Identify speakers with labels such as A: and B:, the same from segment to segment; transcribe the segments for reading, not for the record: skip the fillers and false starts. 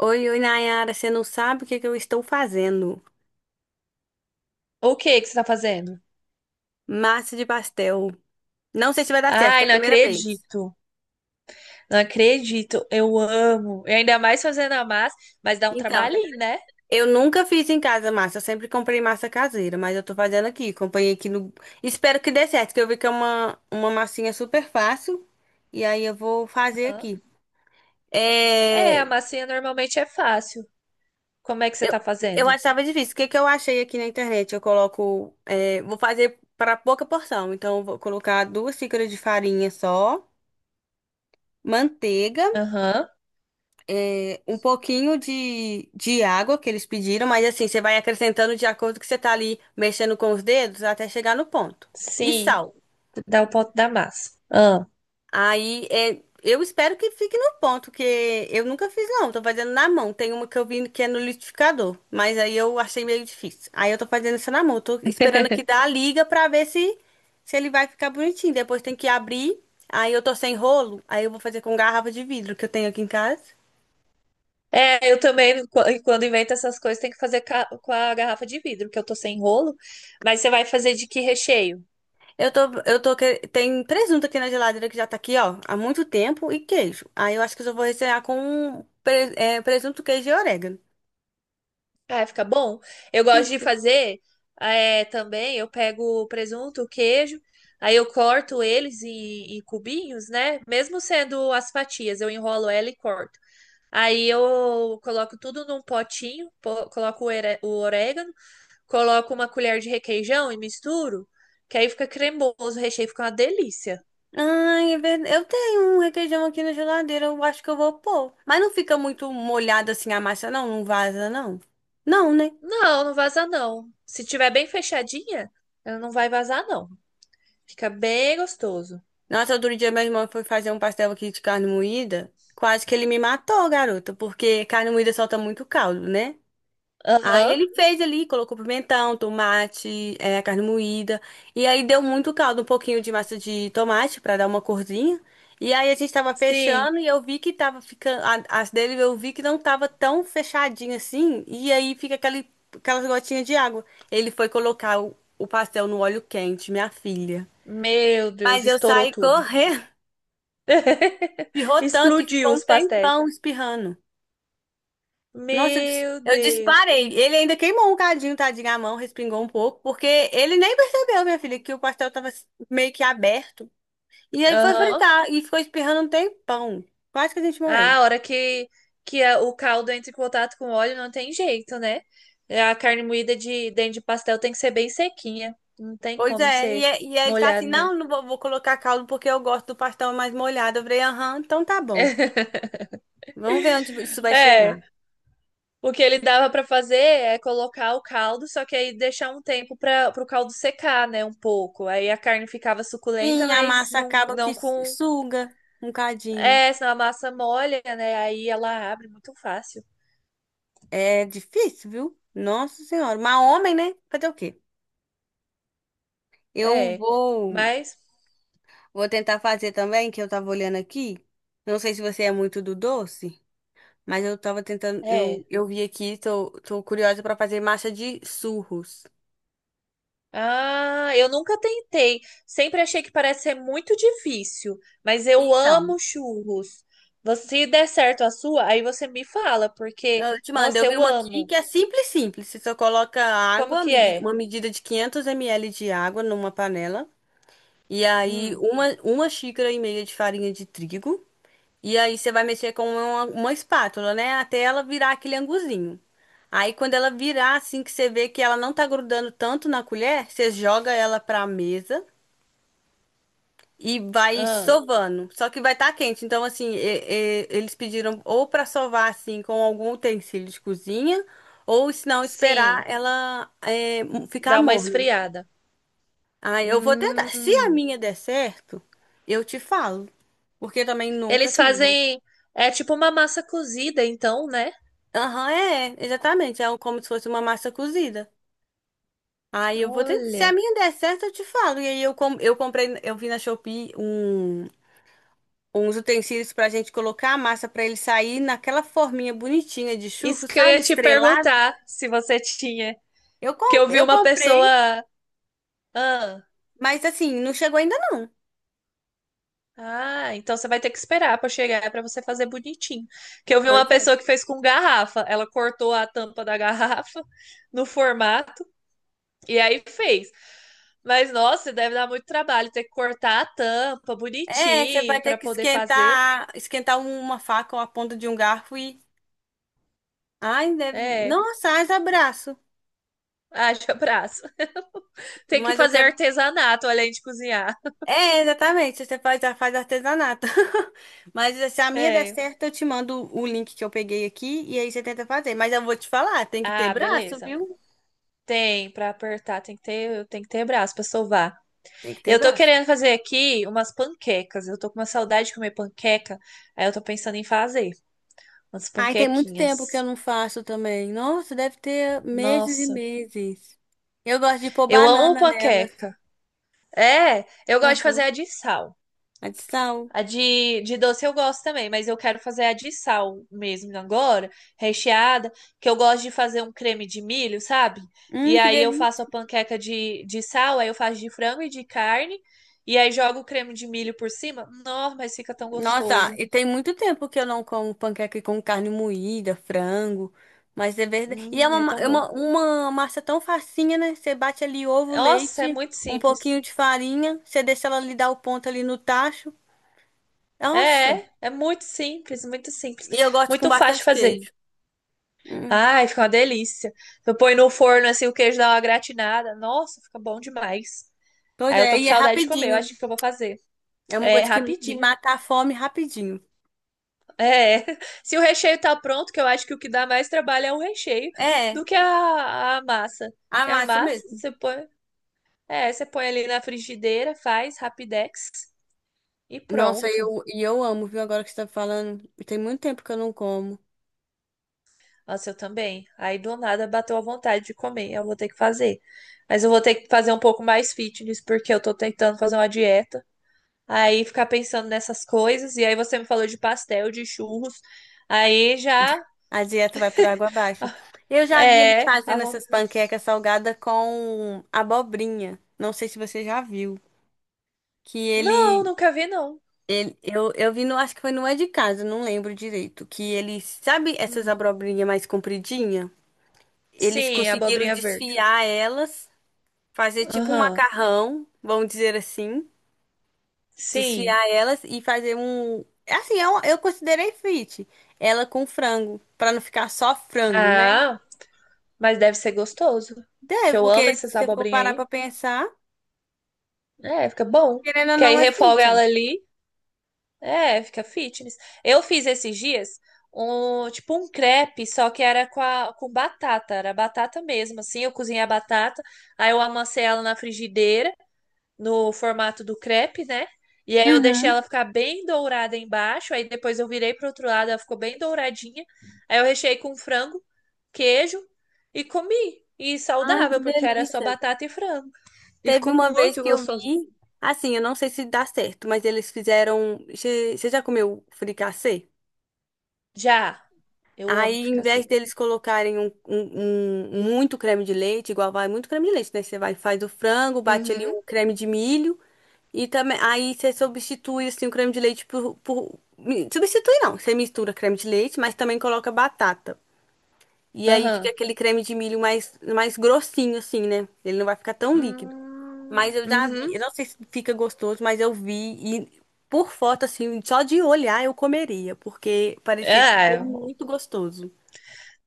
A: Oi, oi, Nayara, você não sabe o que que eu estou fazendo?
B: O que que você tá fazendo?
A: Massa de pastel. Não sei se vai dar certo, que é
B: Ai,
A: a
B: não
A: primeira vez.
B: acredito. Não acredito. Eu amo. E ainda mais fazendo a massa, mas dá um
A: Então,
B: trabalhinho, né?
A: eu nunca fiz em casa massa, eu sempre comprei massa caseira, mas eu tô fazendo aqui, acompanhei aqui no... Espero que dê certo, que eu vi que é uma massinha super fácil, e aí eu vou fazer
B: Aham.
A: aqui.
B: É,
A: É,
B: a massinha normalmente é fácil. Como é que você
A: eu,
B: tá
A: eu
B: fazendo?
A: achava difícil, o que que eu achei aqui na internet? Eu coloco, é, vou fazer para pouca porção, então eu vou colocar duas xícaras de farinha só, manteiga,
B: Aham.
A: um pouquinho de água que eles pediram, mas assim, você vai acrescentando de acordo que você tá ali mexendo com os dedos até chegar no ponto. E
B: Sim,
A: sal.
B: dá o ponto da massa. Ah.
A: Aí é, eu espero que fique no ponto, que eu nunca fiz, não. Tô fazendo na mão. Tem uma que eu vi que é no liquidificador, mas aí eu achei meio difícil. Aí eu tô fazendo isso na mão. Tô esperando que dá a liga pra ver se, se ele vai ficar bonitinho. Depois tem que abrir. Aí eu tô sem rolo, aí eu vou fazer com garrafa de vidro que eu tenho aqui em casa.
B: É, eu também, quando invento essas coisas, tem que fazer com a garrafa de vidro, porque eu tô sem rolo. Mas você vai fazer de que recheio?
A: Eu tô, Tem presunto aqui na geladeira que já tá aqui, ó, há muito tempo e queijo. Aí eu acho que eu só vou recear com presunto, queijo e orégano.
B: Ah, fica bom. Eu gosto de
A: Fica.
B: fazer é, também. Eu pego o presunto, o queijo, aí eu corto eles em cubinhos, né? Mesmo sendo as fatias, eu enrolo ela e corto. Aí eu coloco tudo num potinho, coloco o o orégano, coloco uma colher de requeijão e misturo, que aí fica cremoso, o recheio fica uma delícia.
A: Ai, é verdade. Eu tenho um requeijão aqui na geladeira, eu acho que eu vou pôr. Mas não fica muito molhado assim a massa, não? Não vaza, não? Não, né?
B: Não, não vaza não. Se tiver bem fechadinha, ela não vai vazar não. Fica bem gostoso.
A: Nossa, outro dia minha irmã foi fazer um pastel aqui de carne moída. Quase que ele me matou, garota, porque carne moída solta muito caldo, né? Aí
B: Aham,
A: ele fez ali, colocou pimentão, tomate, é, carne moída. E aí deu muito caldo, um pouquinho de massa de tomate pra dar uma corzinha. E aí a gente tava
B: sim.
A: fechando e eu vi que tava ficando. As dele eu vi que não tava tão fechadinho assim. E aí fica aquele, aquelas gotinhas de água. Ele foi colocar o pastel no óleo quente, minha filha.
B: Meu Deus,
A: Mas eu
B: estourou
A: saí
B: tudo.
A: correndo, espirrou tanto e
B: Explodiu
A: ficou um
B: os pastéis.
A: tempão espirrando. Nossa,
B: Meu
A: eu
B: Deus.
A: disparei. Ele ainda queimou um cadinho, tadinho, a mão, respingou um pouco, porque ele nem percebeu, minha filha, que o pastel tava meio que aberto. E aí foi
B: Aham.
A: fritar e ficou espirrando um tempão. Quase que a gente morreu.
B: Ah, a hora que o caldo entra em contato com o óleo, não tem jeito, né? É, a carne moída de dentro de pastel tem que ser bem sequinha. Não tem
A: Pois
B: como
A: é,
B: ser
A: e aí ele tá assim,
B: molhado, não.
A: não, não vou, vou colocar caldo porque eu gosto do pastel mais molhado. Eu falei, aham, então tá bom. Vamos ver onde isso vai
B: É,
A: chegar.
B: o que ele dava pra fazer é colocar o caldo, só que aí deixar um tempo para o caldo secar, né, um pouco. Aí a carne ficava suculenta,
A: Sim, a
B: mas
A: massa
B: não,
A: acaba que
B: não com
A: suga um cadinho.
B: é, senão a massa molha, né? Aí ela abre muito fácil.
A: É difícil, viu? Nossa Senhora. Mas homem, né? Fazer o quê? Eu
B: É.
A: vou.
B: Mas,
A: Vou tentar fazer também, que eu tava olhando aqui. Não sei se você é muito do doce, mas eu tava tentando, eu,
B: é.
A: eu vi aqui, tô curiosa pra fazer massa de surros.
B: Ah, eu nunca tentei. Sempre achei que parece ser muito difícil. Mas eu
A: Então,
B: amo churros. Você- Se der certo a sua, aí você me fala, porque,
A: eu te mando,
B: nossa,
A: eu vi
B: eu
A: uma aqui
B: amo.
A: que é simples, simples. Você só coloca
B: Como
A: água,
B: que é?
A: uma medida de 500 ml de água numa panela, e aí
B: Hum,
A: uma xícara e meia de farinha de trigo. E aí você vai mexer com uma espátula, né? Até ela virar aquele anguzinho. Aí quando ela virar, assim que você vê que ela não tá grudando tanto na colher, você joga ela pra mesa e vai
B: ah,
A: sovando. Só que vai estar quente. Então, assim, eles pediram ou pra sovar, assim, com algum utensílio de cozinha, ou se não,
B: sim.
A: esperar ela é, ficar
B: Dá uma
A: morna.
B: esfriada.
A: Aí eu vou tentar. Se a
B: Hum.
A: minha der certo, eu te falo. Porque eu também nunca
B: Eles
A: fiz.
B: fazem. É tipo uma massa cozida, então, né?
A: Aham, é, exatamente. Como se fosse uma massa cozida. Aí eu vou ter, se a
B: Olha.
A: minha der certo, eu te falo. E aí eu comprei, eu vi na Shopee uns utensílios pra gente colocar a massa pra ele sair naquela forminha bonitinha de churro,
B: Isso que eu
A: sabe?
B: ia te
A: Estrelado.
B: perguntar se você tinha. Que eu vi
A: Eu
B: uma
A: comprei,
B: pessoa. Ah,
A: mas assim, não chegou ainda não.
B: ah, então você vai ter que esperar pra chegar pra você fazer bonitinho. Que eu vi uma
A: Pois é.
B: pessoa que fez com garrafa. Ela cortou a tampa da garrafa no formato e aí fez. Mas nossa, deve dar muito trabalho ter que cortar a tampa
A: É, você
B: bonitinho
A: vai ter
B: pra
A: que
B: poder fazer.
A: esquentar, esquentar uma faca ou a ponta de um garfo e. Ai, deve.
B: É,
A: Nossa, ai, abraço.
B: haja braço. Tem que
A: Mas eu
B: fazer
A: quero.
B: artesanato além de cozinhar.
A: É, exatamente. Você faz, faz artesanato. Mas se a minha der
B: É.
A: certo, eu te mando o link que eu peguei aqui e aí você tenta fazer. Mas eu vou te falar, tem que ter
B: Ah,
A: braço,
B: beleza.
A: viu?
B: Tem pra apertar, tem que ter braço pra sovar.
A: Tem que ter
B: Eu tô
A: braço.
B: querendo fazer aqui umas panquecas. Eu tô com uma saudade de comer panqueca, aí eu tô pensando em fazer umas
A: Ai, tem muito tempo que eu
B: panquequinhas.
A: não faço também. Nossa, deve ter meses e
B: Nossa,
A: meses. Eu gosto de pôr
B: eu amo
A: banana nelas.
B: panqueca. É, eu gosto de fazer
A: Aham.
B: a de sal.
A: A de sal.
B: A de doce eu gosto também, mas eu quero fazer a de sal mesmo agora, recheada, que eu gosto de fazer um creme de milho, sabe? E
A: Que
B: aí eu faço
A: delícia.
B: a panqueca de sal, aí eu faço de frango e de carne, e aí jogo o creme de milho por cima. Nossa, mas fica tão
A: Nossa,
B: gostoso.
A: e tem muito tempo que eu não como panqueca com carne moída, frango, mas é verdade. E é uma,
B: É tão bom.
A: uma massa tão facinha, né? Você bate ali ovo,
B: Nossa, é
A: leite,
B: muito
A: um
B: simples.
A: pouquinho de farinha, você deixa ela ali dar o ponto ali no tacho. Nossa!
B: É, é muito simples, muito simples.
A: E eu gosto com
B: Muito fácil de
A: bastante
B: fazer.
A: queijo. Hum.
B: Ai, fica uma delícia. Eu põe no forno assim, o queijo dá uma gratinada. Nossa, fica bom demais.
A: Pois
B: Aí eu
A: é,
B: tô com
A: e é
B: saudade de comer, eu
A: rapidinho.
B: acho que eu vou fazer.
A: É uma
B: É
A: coisa que
B: rapidinho.
A: mata a fome rapidinho.
B: É, se o recheio tá pronto, que eu acho que o que dá mais trabalho é o recheio
A: É,
B: do que a massa.
A: a
B: Que a
A: massa
B: massa
A: mesmo.
B: você põe, é, você põe ali na frigideira, faz rapidex e
A: Nossa,
B: pronto.
A: eu amo, viu? Agora que você tá falando, tem muito tempo que eu não como.
B: Nossa, eu também. Aí do nada bateu a vontade de comer, eu vou ter que fazer. Mas eu vou ter que fazer um pouco mais fitness porque eu tô tentando fazer uma dieta. Aí ficar pensando nessas coisas e aí você me falou de pastel, de churros. Aí já
A: A dieta vai por água abaixo. Eu já vi eles
B: é, à
A: fazendo essas
B: vontade.
A: panquecas salgadas com abobrinha. Não sei se você já viu. Que
B: Não,
A: ele,
B: nunca vi, não.
A: eu vi no, acho que foi no É de Casa, não lembro direito. Que ele, sabe essas
B: Hum.
A: abobrinhas mais compridinhas? Eles
B: Sim,
A: conseguiram
B: abobrinha verde.
A: desfiar elas, fazer tipo um
B: Aham,
A: macarrão, vamos dizer assim.
B: sim.
A: Desfiar elas e fazer um. Assim, eu considerei fit. Ela com frango, pra não ficar só frango, né?
B: Ah, mas deve ser gostoso. Que
A: Deve,
B: eu amo
A: porque
B: essas
A: se você for
B: abobrinhas
A: parar
B: aí.
A: pra pensar,
B: É, fica bom.
A: querendo ou
B: Que aí
A: não, é
B: refoga
A: fiction.
B: ela ali. É, fica fitness. Eu fiz esses dias um tipo um crepe, só que era com, com batata, era batata mesmo, assim. Eu cozinhei a batata, aí eu amassei ela na frigideira no formato do crepe, né? E aí eu deixei ela
A: Uhum.
B: ficar bem dourada embaixo, aí depois eu virei pro outro lado, ela ficou bem douradinha. Aí eu recheei com frango, queijo e comi. E
A: Ai, que
B: saudável, porque era só
A: delícia.
B: batata e frango. E
A: Teve
B: ficou
A: uma vez
B: muito
A: que eu
B: gostoso.
A: vi, assim, eu não sei se dá certo, mas eles fizeram. Você já comeu fricassê?
B: Já, eu
A: Aí,
B: amo
A: em vez
B: fricassê.
A: deles colocarem muito creme de leite, igual vai muito creme de leite, né? Você vai, faz o frango, bate ali
B: Uhum.
A: o creme de milho e também aí você substitui assim o creme de leite substitui não, você mistura creme de leite, mas também coloca batata. E aí fica
B: Aham.
A: aquele creme de milho mais, mais grossinho, assim, né? Ele não vai ficar tão líquido. Mas eu já vi,
B: Uhum.
A: eu não sei se fica gostoso, mas eu vi e por foto, assim, só de olhar eu comeria, porque parecia que ficou
B: É.
A: muito gostoso.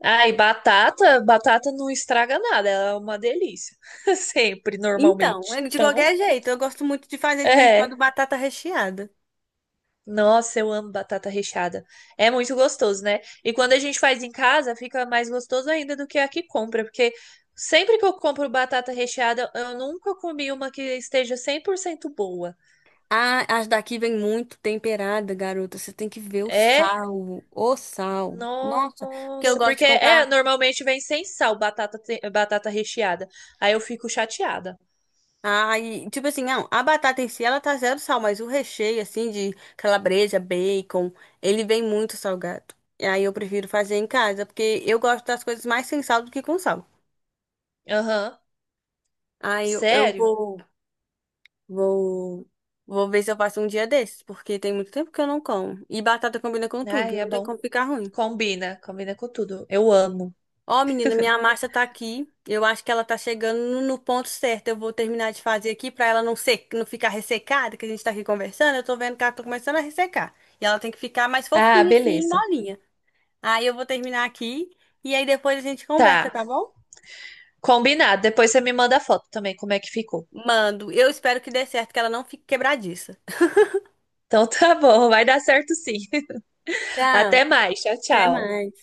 B: Ah, e batata, batata não estraga nada, ela é uma delícia. Sempre,
A: Então,
B: normalmente.
A: é de
B: Então,
A: qualquer jeito, eu gosto muito de fazer de vez em quando
B: é.
A: batata recheada.
B: Nossa, eu amo batata recheada. É muito gostoso, né? E quando a gente faz em casa, fica mais gostoso ainda do que a que compra, porque sempre que eu compro batata recheada, eu nunca comi uma que esteja 100% boa.
A: Ah, as daqui vem muito temperada, garota. Você tem que ver o
B: É?
A: sal, o sal. Nossa, porque eu
B: Nossa,
A: gosto
B: porque
A: de
B: é,
A: comprar.
B: normalmente vem sem sal batata, batata recheada. Aí eu fico chateada.
A: Ai, tipo assim, não, a batata em si ela tá zero sal, mas o recheio, assim, de calabresa, bacon, ele vem muito salgado. E aí eu prefiro fazer em casa, porque eu gosto das coisas mais sem sal do que com sal.
B: Aham.
A: Aí eu, eu
B: Sério?
A: vou, vou, vou ver se eu faço um dia desses, porque tem muito tempo que eu não como. E batata combina com tudo,
B: Ai, é
A: não tem
B: bom.
A: como ficar ruim.
B: Combina, combina com tudo. Eu amo.
A: Ó, menina, minha massa tá aqui. Eu acho que ela tá chegando no no ponto certo. Eu vou terminar de fazer aqui pra ela não se... não ficar ressecada, que a gente tá aqui conversando. Eu tô vendo que ela tá começando a ressecar. E ela tem que ficar mais
B: Ah,
A: fofinha, assim,
B: beleza.
A: molinha. Aí eu vou terminar aqui e aí depois a gente conversa,
B: Tá.
A: tá bom?
B: Combinado. Depois você me manda a foto também, como é que ficou.
A: Mando. Eu espero que dê certo, que ela não fique quebradiça.
B: Então tá bom, vai dar certo sim.
A: Tchau,
B: Até mais, tchau,
A: até
B: tchau.
A: mais.